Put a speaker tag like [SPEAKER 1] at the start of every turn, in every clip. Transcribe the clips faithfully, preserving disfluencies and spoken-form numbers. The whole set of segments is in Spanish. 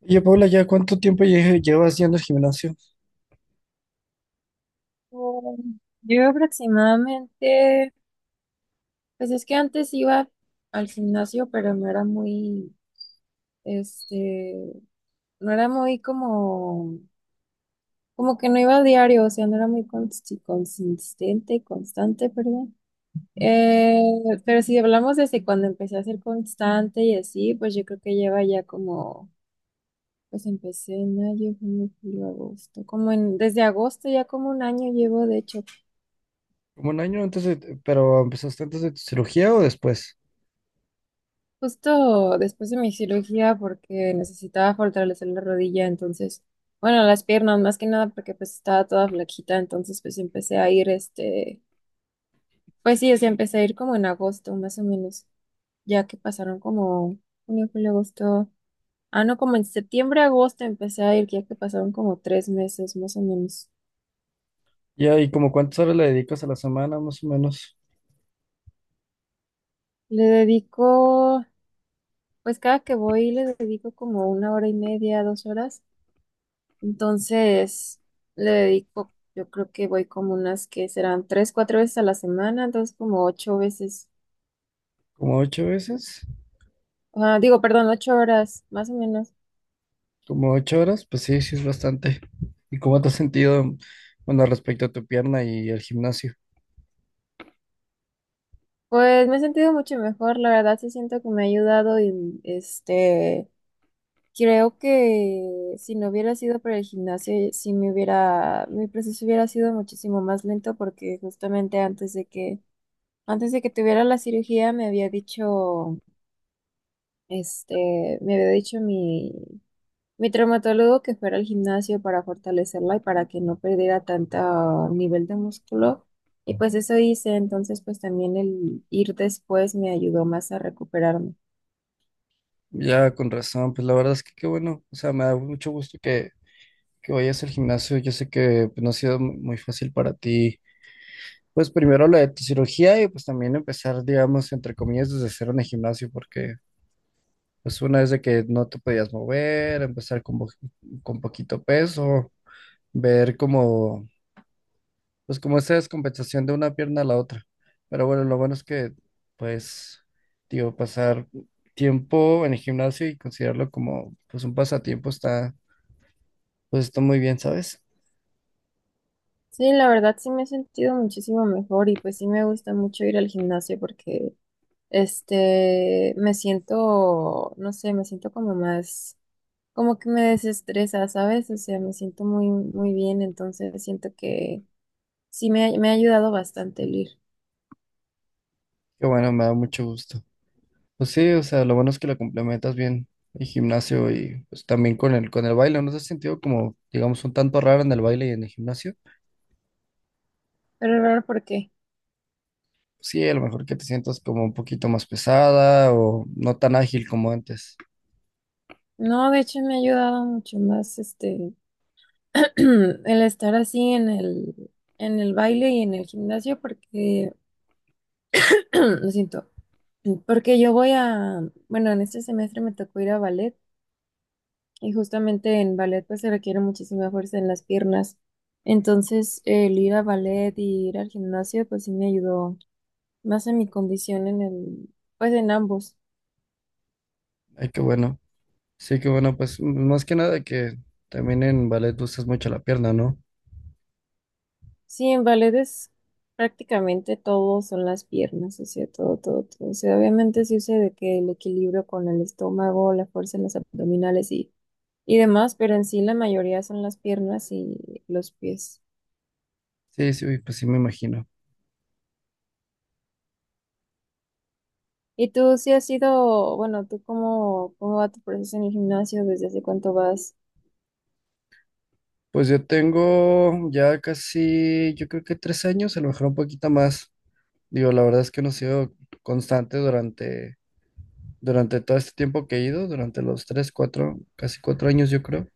[SPEAKER 1] Oye, Paula, ¿ya cuánto tiempo lle- llevas yendo al gimnasio?
[SPEAKER 2] Mm, Yo aproximadamente, pues es que antes iba al gimnasio, pero no era muy, este, no era muy como, como que no iba a diario, o sea, no era muy consi- consistente, constante, perdón. Eh, pero si hablamos desde cuando empecé a ser constante y así, pues yo creo que lleva ya como, pues empecé en mayo, junio, julio, agosto, como en, desde agosto ya como un año llevo, de hecho.
[SPEAKER 1] ¿Como un año antes de, pero empezaste antes de tu cirugía o después?
[SPEAKER 2] Justo después de mi cirugía porque necesitaba fortalecer la rodilla, entonces, bueno, las piernas más que nada porque pues estaba toda flaquita, entonces pues empecé a ir este, pues sí, o sea, empecé a ir como en agosto más o menos, ya que pasaron como junio, julio, agosto, ah, no, como en septiembre, agosto empecé a ir, ya que pasaron como tres meses más o menos.
[SPEAKER 1] Ya, ¿y como cuántas horas le dedicas a la semana, más o menos?
[SPEAKER 2] Le dedico, pues cada que voy le dedico como una hora y media, dos horas. Entonces, le dedico, yo creo que voy como unas que serán tres, cuatro veces a la semana, entonces como ocho veces,
[SPEAKER 1] ¿Como ocho veces?
[SPEAKER 2] ah, digo, perdón, ocho horas, más o menos.
[SPEAKER 1] ¿Como ocho horas? Pues sí, sí es bastante. ¿Y cómo te has sentido, bueno, respecto a tu pierna y el gimnasio?
[SPEAKER 2] Pues me he sentido mucho mejor, la verdad sí siento que me ha ayudado y este, creo que si no hubiera sido por el gimnasio, sí me hubiera, mi proceso hubiera sido muchísimo más lento porque justamente antes de que, antes de que tuviera la cirugía me había dicho, este, me había dicho mi Mi traumatólogo que fuera al gimnasio para fortalecerla y para que no perdiera tanto nivel de músculo. Y pues eso hice, entonces pues también el ir después me ayudó más a recuperarme.
[SPEAKER 1] Ya, con razón, pues la verdad es que qué bueno. O sea, me da mucho gusto que, que vayas al gimnasio. Yo sé que pues no ha sido mu- muy fácil para ti. Pues primero la de tu cirugía y pues también empezar, digamos, entre comillas, desde cero en el gimnasio, porque pues una vez de que no te podías mover, empezar con, bo- con poquito peso, ver como, pues como esa descompensación de una pierna a la otra. Pero bueno, lo bueno es que, pues, digo, pasar tiempo en el gimnasio y considerarlo como, pues, un pasatiempo está, pues está muy bien, ¿sabes?
[SPEAKER 2] Sí, la verdad sí me he sentido muchísimo mejor y pues sí me gusta mucho ir al gimnasio porque este me siento, no sé, me siento como más, como que me desestresa, ¿sabes? O sea, me siento muy, muy bien, entonces siento que sí me, ha- me ha ayudado bastante el ir.
[SPEAKER 1] Que bueno, me da mucho gusto. Pues sí, o sea, lo bueno es que lo complementas bien el gimnasio y pues también con el con el baile. ¿No te has sentido como, digamos, un tanto raro en el baile y en el gimnasio?
[SPEAKER 2] Pero raro, ¿por qué?
[SPEAKER 1] Sí, a lo mejor que te sientas como un poquito más pesada o no tan ágil como antes.
[SPEAKER 2] No, de hecho me ha ayudado mucho más este el estar así en el en el baile y en el gimnasio porque lo siento, porque yo voy a, bueno, en este semestre me tocó ir a ballet y justamente en ballet pues se requiere muchísima fuerza en las piernas. Entonces, el ir a ballet y ir al gimnasio pues sí me ayudó más en mi condición en el pues en ambos.
[SPEAKER 1] Ay, qué bueno. Sí, qué bueno, pues m- más que nada que también en ballet usas mucho la pierna, ¿no?
[SPEAKER 2] Sí, en ballet es prácticamente todo son las piernas, o sea, todo, todo, todo. O sea, obviamente sí sé de que el equilibrio con el estómago, la fuerza en los abdominales y, y demás, pero en sí la mayoría son las piernas y los pies.
[SPEAKER 1] Sí, sí, pues sí me imagino.
[SPEAKER 2] ¿Y tú sí has ido, bueno, tú cómo, cómo va tu proceso en el gimnasio? ¿Desde hace cuánto vas?
[SPEAKER 1] Pues yo tengo ya casi, yo creo que tres años, a lo mejor un poquito más. Digo, la verdad es que no he sido constante durante durante todo este tiempo que he ido, durante los tres, cuatro, casi cuatro años yo creo,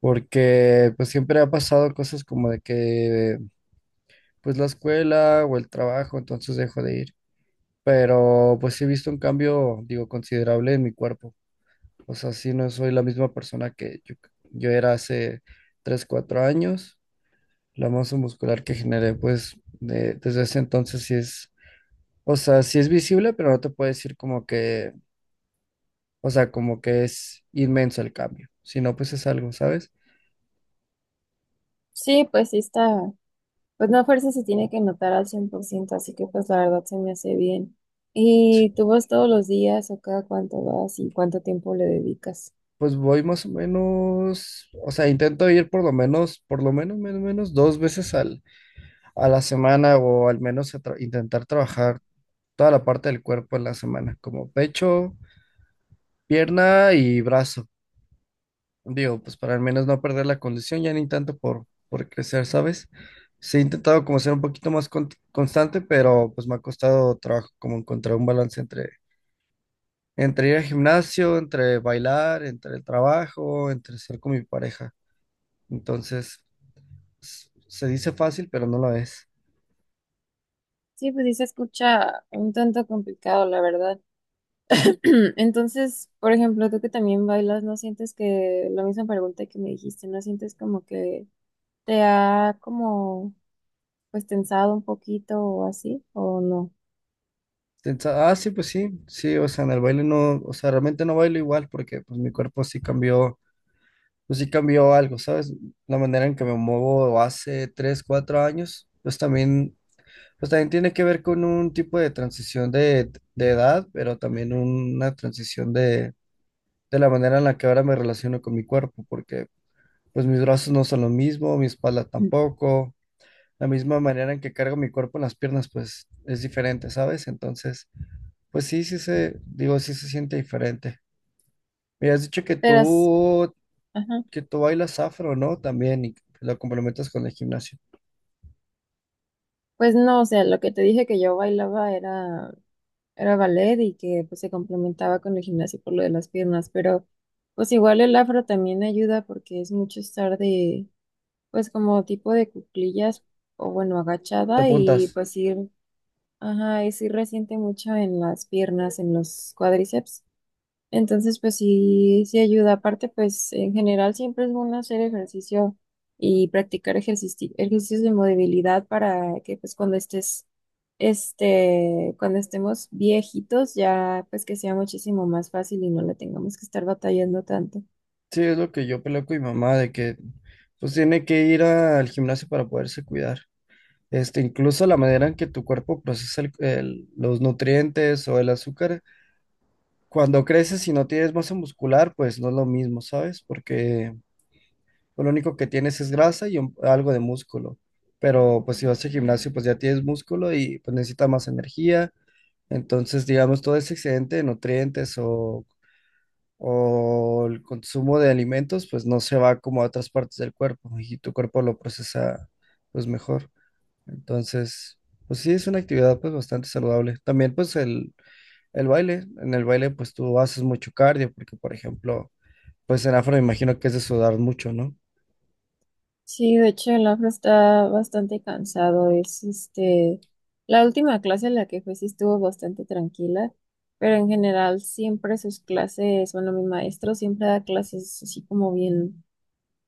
[SPEAKER 1] porque pues siempre ha pasado cosas como de que pues la escuela o el trabajo, entonces dejo de ir, pero pues sí he visto un cambio, digo, considerable en mi cuerpo. O sea, sí, no soy la misma persona que yo, yo era hace tres, cuatro años. La masa muscular que generé pues de- desde ese entonces sí es, o sea, sí es visible, pero no te puedo decir como que... O sea, como que es inmenso el cambio. Si no, pues es algo, ¿sabes?
[SPEAKER 2] Sí, pues sí está, pues no a fuerza se tiene que notar al cien por ciento, así que pues la verdad se me hace bien.
[SPEAKER 1] Sí.
[SPEAKER 2] ¿Y tú vas todos los días o cada cuánto vas y cuánto tiempo le dedicas?
[SPEAKER 1] Pues voy más o menos, o sea, intento ir por lo menos, por lo menos, menos, menos dos veces al, a la semana, o al menos a tra- intentar trabajar toda la parte del cuerpo en la semana, como pecho, pierna y brazo. Digo, pues para al menos no perder la condición, ya ni tanto por, por crecer, ¿sabes? Sí, he intentado como ser un poquito más con- constante, pero pues me ha costado trabajo como encontrar un balance entre entre ir al gimnasio, entre bailar, entre el trabajo, entre ser con mi pareja. Entonces, s- se dice fácil, pero no lo es.
[SPEAKER 2] Sí, pues sí se escucha un tanto complicado, la verdad. Entonces, por ejemplo, tú que también bailas, ¿no sientes que la misma pregunta que me dijiste, ¿no sientes como que te ha como pues tensado un poquito o así o no?
[SPEAKER 1] Piensa, ah, sí, pues sí, sí, o sea, en el baile no, o sea, realmente no bailo igual porque pues mi cuerpo sí cambió, pues sí cambió algo, ¿sabes? La manera en que me muevo hace tres, cuatro años, pues también, pues también tiene que ver con un tipo de transición de, de edad, pero también una transición de, de la manera en la que ahora me relaciono con mi cuerpo, porque pues mis brazos no son lo mismo, mi espalda
[SPEAKER 2] Mm.
[SPEAKER 1] tampoco. La misma manera en que cargo mi cuerpo en las piernas, pues es diferente, ¿sabes? Entonces, pues sí, sí se, digo, sí se siente diferente. Me has dicho que
[SPEAKER 2] Pero, s-
[SPEAKER 1] tú,
[SPEAKER 2] ajá,
[SPEAKER 1] que tú bailas afro, ¿no? También, y lo complementas con el gimnasio.
[SPEAKER 2] pues no, o sea, lo que te dije que yo bailaba era era ballet y que pues se complementaba con el gimnasio por lo de las piernas, pero pues igual el afro también ayuda porque es mucho estar de pues como tipo de cuclillas o bueno,
[SPEAKER 1] Te
[SPEAKER 2] agachada y
[SPEAKER 1] apuntas.
[SPEAKER 2] pues ir, ajá, y sí resiente mucho en las piernas, en los cuádriceps. Entonces, pues sí, sí ayuda. Aparte, pues en general siempre es bueno hacer ejercicio y practicar ejercici- ejercicios de movilidad para que pues cuando estés, este, cuando estemos viejitos ya pues que sea muchísimo más fácil y no le tengamos que estar batallando tanto.
[SPEAKER 1] Sí, es lo que yo peleo con mi mamá, de que pues tiene que ir al gimnasio para poderse cuidar. Este, incluso la manera en que tu cuerpo procesa el- el- los nutrientes o el azúcar, cuando creces y no tienes masa muscular, pues no es lo mismo, ¿sabes? Porque pues lo único que tienes es grasa y un- algo de músculo. Pero pues si vas al gimnasio, pues ya tienes músculo y pues necesitas más energía. Entonces, digamos, todo ese excedente de nutrientes o, o el consumo de alimentos, pues no se va como a otras partes del cuerpo y tu cuerpo lo procesa pues mejor. Entonces, pues sí, es una actividad pues bastante saludable. También pues el el baile, en el baile pues tú haces mucho cardio, porque por ejemplo, pues en afro me imagino que es de sudar mucho, ¿no?
[SPEAKER 2] Sí, de hecho el afro está bastante cansado. Es este, la última clase en la que fue sí estuvo bastante tranquila, pero en general siempre sus clases, bueno, mi maestro siempre da clases así como bien,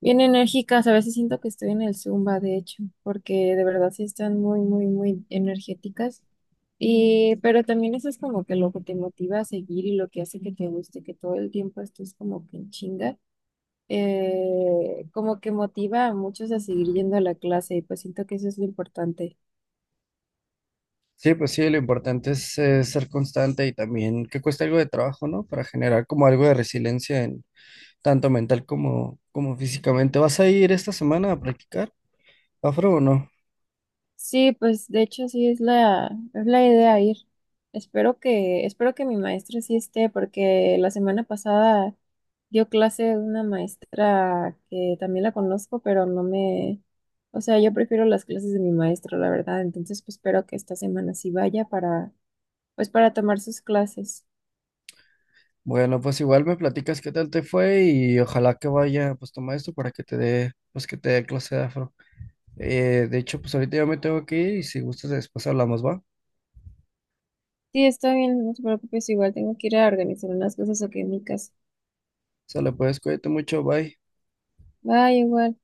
[SPEAKER 2] bien enérgicas. A veces siento que estoy en el Zumba, de hecho, porque de verdad sí están muy, muy, muy energéticas. Y, pero también eso es como que lo que te motiva a seguir y lo que hace que te guste, que todo el tiempo estés como que en chinga eh, como que motiva a muchos a seguir yendo a la clase y pues siento que eso es lo importante.
[SPEAKER 1] Sí, pues sí, lo importante es eh, ser constante y también que cueste algo de trabajo, ¿no? Para generar como algo de resiliencia en tanto mental como, como físicamente. ¿Vas a ir esta semana a practicar afro o no?
[SPEAKER 2] Sí, pues de hecho sí es la, es la idea ir. Espero que, espero que mi maestra sí esté, porque la semana pasada dio clase una maestra que también la conozco, pero no me, o sea, yo prefiero las clases de mi maestro, la verdad. Entonces, pues espero que esta semana sí vaya para, pues para tomar sus clases.
[SPEAKER 1] Bueno, pues igual me platicas qué tal te fue y ojalá que vaya pues tu maestro para que te dé, pues que te dé clase de afro. Eh, de hecho, pues ahorita ya me tengo que ir y si gustas después hablamos, ¿va?
[SPEAKER 2] Sí, está bien, no te preocupes, igual tengo que ir a organizar unas cosas aquí en mi casa.
[SPEAKER 1] Sale, pues cuídate mucho, bye.
[SPEAKER 2] Bye, igual.